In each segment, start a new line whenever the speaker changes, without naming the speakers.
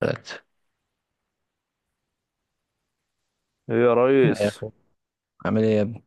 ثلاثة.
ايه يا
لا يا
ريس؟
أخو، عامل إيه يا ابني؟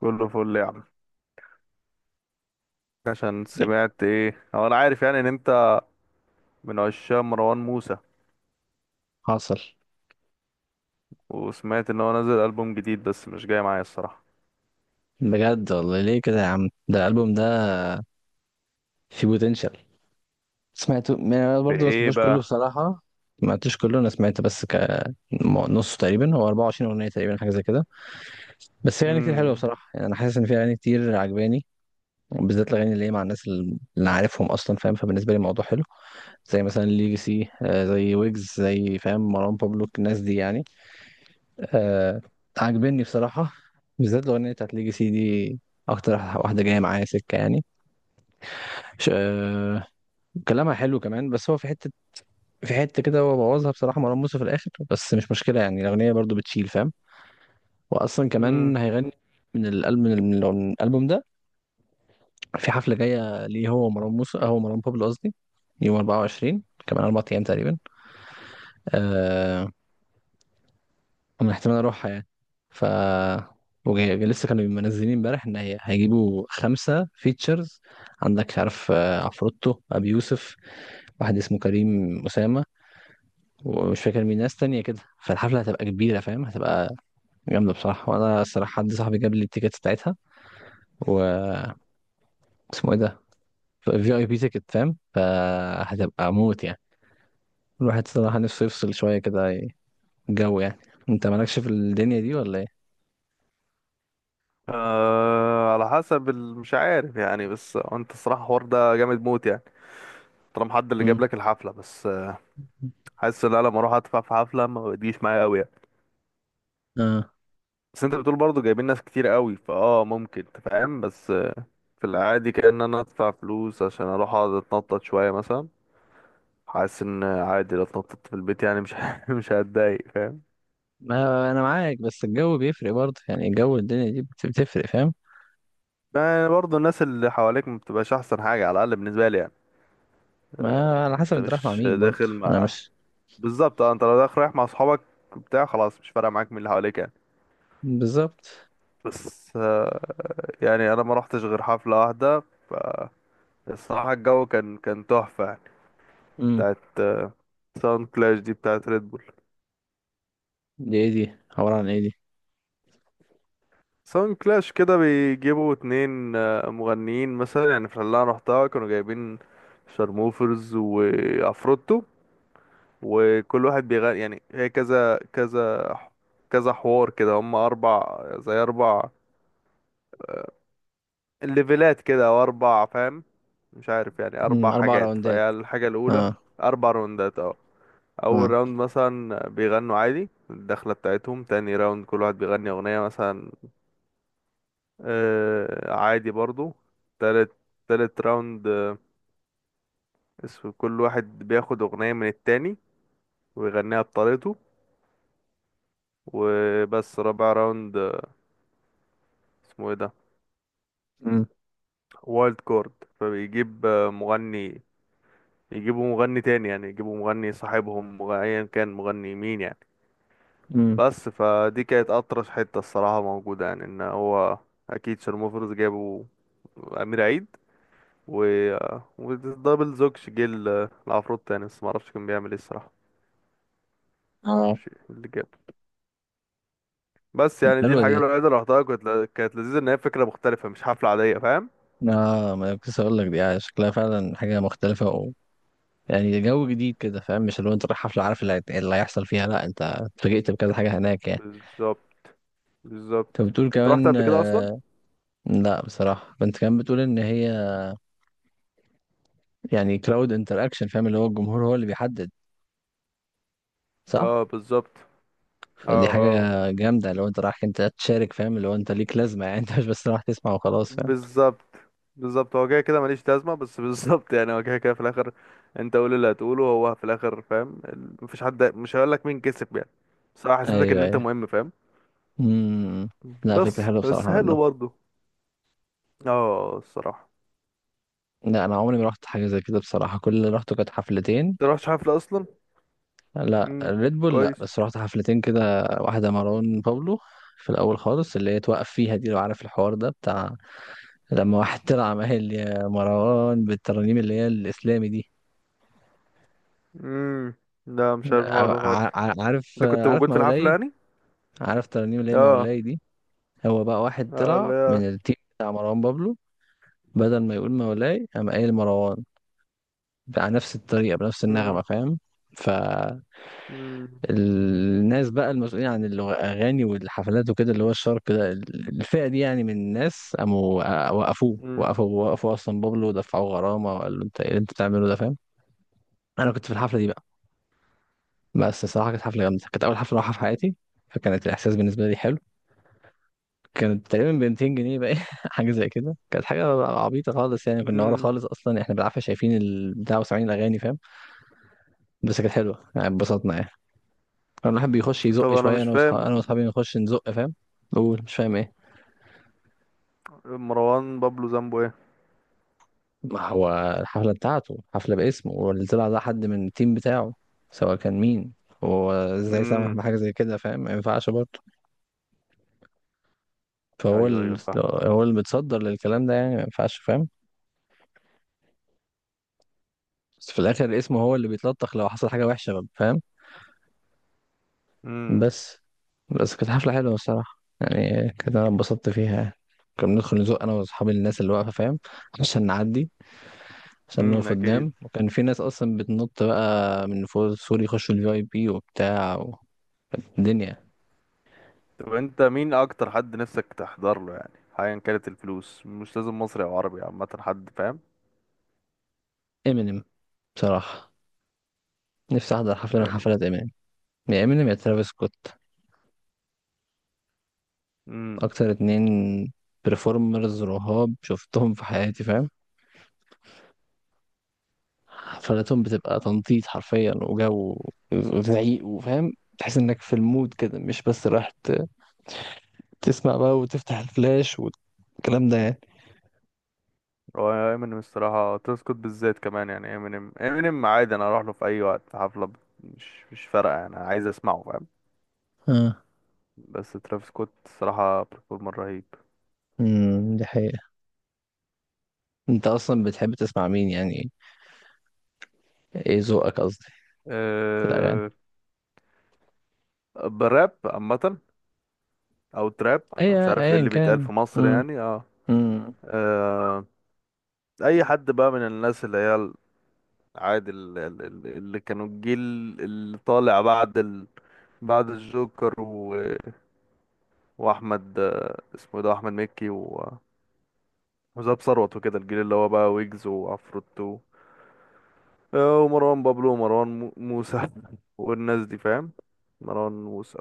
كله فل يا عم. عشان
إيه؟
سمعت، ايه هو، انا عارف يعني ان انت من عشاق مروان موسى،
حاصل.
وسمعت ان هو نزل ألبوم جديد بس مش جاي معايا الصراحة.
بجد والله، ليه كده يا عم؟ ده الألبوم ده فيه بوتنشال. سمعته ما- أنا
في
برضه ما
ايه
سمعتوش كله
بقى؟
بصراحة، ما سمعتوش كله. أنا سمعت بس نصه تقريبا، هو 24 أغنية تقريبا، حاجة زي كده. بس في أغاني كتير حلوة
امم
بصراحة، يعني أنا حاسس إن في أغاني كتير عجباني، بالذات الأغاني اللي هي مع الناس اللي أنا عارفهم أصلا فاهم. فبالنسبة لي الموضوع حلو، زي مثلا ليجاسي، زي ويجز، زي فاهم مروان بابلو، الناس دي يعني. آه، عاجبني بصراحة، بالذات الأغنية بتاعت ليجي سي دي، أكتر واحدة جاية معايا سكة يعني. ش... آه كلامها حلو كمان، بس هو في حتة، في حتة كده هو بوظها بصراحة مروان موسى في الآخر، بس مش مشكلة يعني، الأغنية برضو بتشيل فاهم. وأصلا
امم
كمان هيغني من الألبوم، من الألبوم ده، في حفلة جاية ليه هو ومروان موسى، هو مروان بابلو قصدي، يوم 24، كمان أربع أيام تقريبا. آه، من احتمال اروحها يعني. ف لسه كانوا منزلين امبارح ان هي هيجيبوا خمسه فيتشرز عندك، مش عارف، عفروتو، ابي يوسف، واحد اسمه كريم اسامه، ومش فاكر مين، ناس تانية كده. فالحفله هتبقى كبيره فاهم، هتبقى جامده بصراحه، وانا الصراحه حد صاحبي جاب لي التيكت بتاعتها، و اسمه ايه ده، في اي بي تيكت فاهم، فهتبقى موت يعني. الواحد صراحه نفسه يفصل شويه كده الجو يعني. انت مالكش في الدنيا دي ولا ايه؟
آه، على حسب مش عارف يعني، بس انت الصراحة الحوار ده جامد موت يعني. طالما حد اللي جايب
امم،
لك الحفلة، بس حاسس ان انا لما اروح ادفع في حفلة، ما بتجيش معايا قوي يعني.
اه.
بس انت بتقول برضه جايبين ناس كتير قوي، فاه ممكن، انت فاهم، بس في العادي كأن انا ادفع فلوس عشان اروح اقعد اتنطط شوية مثلا. حاسس ان عادي لو اتنططت في البيت، يعني مش مش هتضايق، فاهم.
ما انا معاك، بس الجو بيفرق برضه يعني، الجو الدنيا دي بتفرق فاهم.
يعني برضه الناس اللي حواليك ما بتبقاش احسن حاجة، على الاقل بالنسبة لي يعني.
ما على حسب
انت
انت رايح مع
مش
مين برضه.
داخل
انا
مع؟
مش،
بالظبط، اه، انت لو داخل رايح مع اصحابك بتاع، خلاص مش فارقة معاك مين اللي حواليك يعني.
بالظبط.
بس يعني انا ما رحتش غير حفلة واحدة، فالصراحة الجو كان تحفة يعني.
امم،
بتاعت ساوند كلاش دي، بتاعت ريد بول.
دي ايه دي؟ عبارة عن ايه دي؟
ساوند كلاش كده بيجيبوا اتنين مغنيين مثلا. يعني في اللي انا رحتها كانوا جايبين شارموفرز وعفروتو، وكل واحد بيغني. يعني هي كذا كذا كذا حوار كده. هم اربع، زي اربع ليفلات كده، او اربع، فاهم، مش عارف يعني،
امم،
اربع
اربع
حاجات.
راوندات،
فهي الحاجة الاولى.
اه.
اربع راوندات، اه. اول
اه،
راوند مثلا بيغنوا عادي الدخلة بتاعتهم. تاني راوند كل واحد بيغني اغنية مثلا، آه، عادي برضو. تالت تالت راوند اسم كل واحد بياخد أغنية من التاني ويغنيها بطريقته وبس. رابع راوند اسمه ايه ده،
امم،
وايلد كارد. فبيجيب مغني، يجيبوا مغني تاني، يعني يجيبوا مغني صاحبهم، ايا كان مغني مين يعني.
امم،
بس فدي كانت أطرش حتة الصراحة موجودة، يعني ان هو اكيد شرموفرز جابوا امير عيد و آه، ودبل زوكش، جه العفروت تاني، بس معرفش كان بيعمل ايه الصراحة.
اه.
ماشي اللي جاب. بس
طب
يعني دي
حلوة
الحاجة
دي.
الوحيدة اللي رحتها، كانت لذيذة، ان هي فكرة مختلفة مش حفلة عادية، فاهم.
اه، ما أنا كنت لسه اقول لك دي، شكلها فعلا حاجة مختلفة و... يعني جو جديد كده فاهم، مش اللي هو انت رايح حفلة عارف اللي هيحصل فيها. لا انت اتفاجئت بكذا حاجة هناك يعني.
بالظبط، بالظبط.
انت بتقول
انت رحت
كمان،
قبل كده اصلا؟
لا بصراحة انت كمان بتقول ان هي، يعني كلاود انتراكشن فاهم، اللي هو الجمهور هو اللي بيحدد. صح.
اه، بالظبط.
فدي
اه،
حاجة
اه،
جامدة، لو انت رايح انت تشارك فاهم، اللي هو انت ليك لازمة يعني انت مش بس رايح تسمع وخلاص فاهم.
بالظبط، بالظبط. هو كده كده ماليش لازمة، بس بالظبط يعني، هو كده كده في الاخر، انت قول اللي هتقوله، هو في الاخر فاهم، مفيش حد مش هيقول لك مين كسب يعني. بس أنا حسيتك
ايوه
ان انت
ايوه.
مهم، فاهم.
امم. لا فكرة
بس
حلوة
بس
بصراحة منه.
حلو برضه. اه، الصراحة.
لا انا عمري ما رحت حاجة زي كده بصراحة، كل اللي رحته كانت حفلتين،
انت رحتش حفلة اصلا؟
لا
امم
ريد بول لا،
كويس.
بس رحت حفلتين كده، واحدة مروان بابلو في الاول خالص، اللي هي توقف فيها دي، لو عارف الحوار ده، بتاع لما واحد طلع قال يا مروان بالترانيم اللي هي الاسلامي دي.
امم لا، مش عارف الحوار ده خالص. انت كنت
عارف
موجود في الحفلة
مولاي،
يعني؟
عارف ترانيم ليه
اه،
مولاي دي. هو بقى واحد
اه،
طلع
لا.
من التيم بتاع مروان بابلو، بدل ما يقول مولاي قام قايل مروان على نفس الطريقة، بنفس
مم.
النغمة فاهم. فالناس
مم.
بقى، المسؤولين عن الأغاني والحفلات وكده، اللي هو الشرق ده، الفئة دي يعني من الناس، قاموا وقفوه،
مم.
وقفوا أصلا بابلو، ودفعوه غرامة، وقال له أنت إيه اللي أنت بتعمله ده فاهم. أنا كنت في الحفلة دي بقى. بس الصراحة كانت حفلة جامدة، كانت أول حفلة أروحها في حياتي، فكانت الإحساس بالنسبة لي حلو. كانت تقريبا ب 200 جنيه بقى حاجه زي كده، كانت حاجه عبيطه خالص يعني، كنا ورا
مم.
خالص اصلا، احنا بالعافيه شايفين البتاع وسامعين الاغاني فاهم. بس كانت حلوه يعني، اتبسطنا يعني. كان الواحد بيخش
طب
يزق
انا
شويه،
مش
انا واصحابي، انا
فاهم،
واصحابي نخش نزق فاهم. بقول مش فاهم ايه؟
مروان بابلو ذنبه ايه؟
ما هو الحفله بتاعته، حفله باسمه، واللي طلع ده حد من التيم بتاعه، سواء كان مين. هو ازاي سامح
امم
بحاجه زي كده فاهم، ما ينفعش برضه. فهو
ايوه،
ال...
ايوه، فاهم.
هو اللي متصدر للكلام ده يعني، ما ينفعش فاهم. بس في الاخر اسمه هو اللي بيتلطخ لو حصل حاجه وحشه فاهم.
امم
بس بس كانت حفلة حلوة الصراحة يعني، كانت أنا اتبسطت فيها يعني. كنا بندخل نزق أنا وأصحابي الناس اللي واقفة فاهم، عشان نعدي، عشان نقف
اكيد.
قدام. وكان في ناس أصلا بتنط بقى من فوق سوري، يخشوا الفي أي بي وبتاع و... كانت الدنيا.
طب انت مين اكتر حد نفسك تحضر له يعني، ايا كانت الفلوس، مش لازم مصري او عربي، عامه حد، فاهم.
إمينيم بصراحة، نفسي أحضر حفلة من
امينيم.
حفلات إمينيم. يا إمينيم يا ترافيس سكوت،
امم
أكتر اتنين بريفورمرز رهاب شفتهم في حياتي فاهم. حفلاتهم بتبقى تنطيط حرفيا، وجو، وزعيق، وفاهم، تحس انك في المود كده، مش بس رايح تسمع بقى وتفتح الفلاش والكلام ده يعني.
هو امينيم الصراحه تسكت، بالذات كمان يعني، امينيم، امينيم عادي انا اروح له في اي وقت في حفله، مش فارقه، انا عايز اسمعه.
اه.
بس ترافيس سكوت الصراحة برفورمر رهيب.
امم، دي حقيقة. انت اصلا بتحب تسمع مين يعني؟ ايه ذوقك قصدي في الاغاني؟
أه، براب عامة، أو تراب.
اي
أنا مش عارف ايه
ايا
اللي بيتقال
كان.
في مصر
امم.
يعني، اه.
امم.
أه، أي حد بقى من الناس اللي هي عادي، اللي كانوا الجيل اللي طالع بعد ال... بعد الجوكر و... وأحمد اسمه إيه ده، أحمد مكي، و... وزاب ثروت وكده، الجيل اللي هو بقى ويجز وعفروتو، ومروان بابلو، ومروان موسى والناس دي، فاهم. مروان موسى،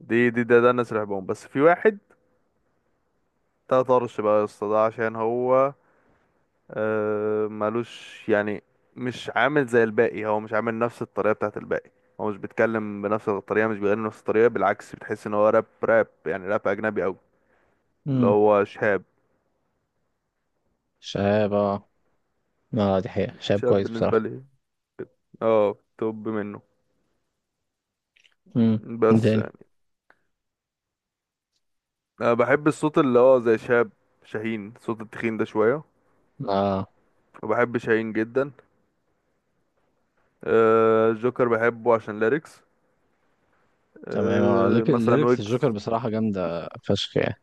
ده الناس اللي بحبهم، بس في واحد ده طرش بقى يا اسطى، ده عشان هو ملوش يعني، مش عامل زي الباقي، هو مش عامل نفس الطريقة بتاعت الباقي، هو مش بيتكلم بنفس الطريقة، مش بيغني بنفس الطريقة، بالعكس بتحس ان هو راب راب يعني، راب اجنبي اوي، اللي
امم.
هو شهاب.
شهاب، اه. اه، دي حقيقة شهاب
شهاب
كويس
بالنسبة
بصراحة.
لي، اه، توب منه.
امم، مين
بس
تاني؟
يعني، انا بحب الصوت اللي هو زي شهاب، شاهين، صوت التخين ده شوية.
اه.
وبحب شاهين جدا. آه، جوكر بحبه عشان ليركس،
تمام اه،
مثلا
الليركس الجوكر
ويجز.
بصراحة جامدة فشخ يعني.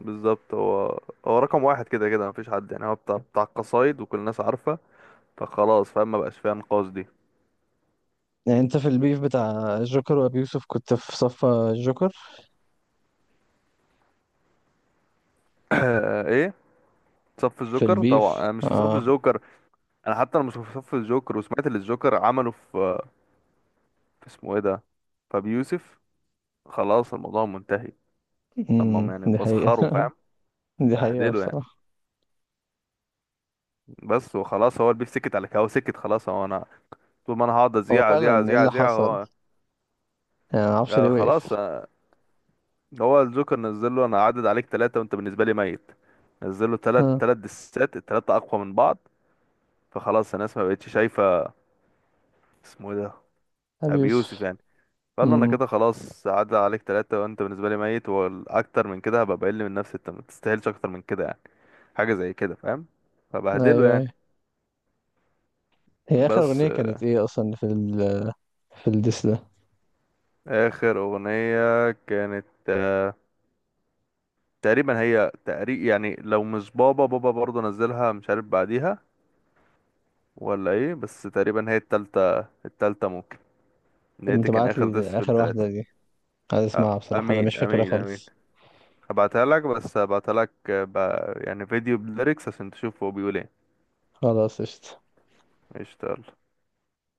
بالظبط، هو هو رقم واحد كده كده، مفيش حد يعني، هو بتاع القصايد، وكل الناس عارفة، فخلاص فاهم، ما بقاش فيها نقاش دي.
يعني انت في البيف بتاع الجوكر وابي يوسف كنت في صف الجوكر؟
ايه، صف
في
الجوكر، طبعا
البيف
انا مش في صف
اه.
الجوكر. انا حتى انا مش في صف الجوكر، وسمعت اللي الجوكر عمله في اسمه ايه ده، فابي يوسف، خلاص الموضوع منتهي. لما هم
امم،
يعني
دي حقيقة
بسخروا، فاهم،
دي حقيقة
بهدلوا يعني.
بصراحة.
بس وخلاص، هو البيف سكت على كده، هو سكت خلاص، هو انا طول ما انا هقعد
هو
ازيع، ازيع،
فعلا ايه
ازيع،
اللي
ازيع،
حصل؟
هو
يعني معرفش
آه
ليه
خلاص.
وقف.
آه، هو الجوكر نزل له، انا عدد عليك ثلاثة، وانت بالنسبة لي ميت. نزل له ثلاث
ها.
ثلاث دسات، الثلاثة اقوى من بعض، فخلاص الناس ما بقتش شايفة اسمه إيه ده،
ابي
ابي يوسف
يوسف.
يعني. قال له انا
امم.
كده خلاص، عدى عليك ثلاثة، وانت بالنسبة لي ميت، والاكتر من كده هبقى بقل من نفسي، انت ما تستاهلش اكتر من كده يعني، حاجة زي كده، فاهم،
ايوه
فبهدله
ايوه.
يعني.
هي اخر
بس،
اغنية كانت ايه اصلا في ال، في الديس ده؟
اخر اغنية كانت تقريبا، هي تقريب يعني، لو مش بابا بابا برضه نزلها، مش عارف بعديها ولا ايه، بس تقريبا هي التالتة ممكن، ان
طب
هي
ما
دي كان
تبعت
اخر ديس
لي
في
اخر
التلاتة.
واحدة دي، عايز اسمعها بصراحة، انا مش
امين،
فاكرها
امين، امين.
خالص.
هبعتها لك، بس هبعتها لك يعني فيديو بليركس، عشان تشوف هو بيقول ايه.
خلاص، قشطة.
قشطة، يلا.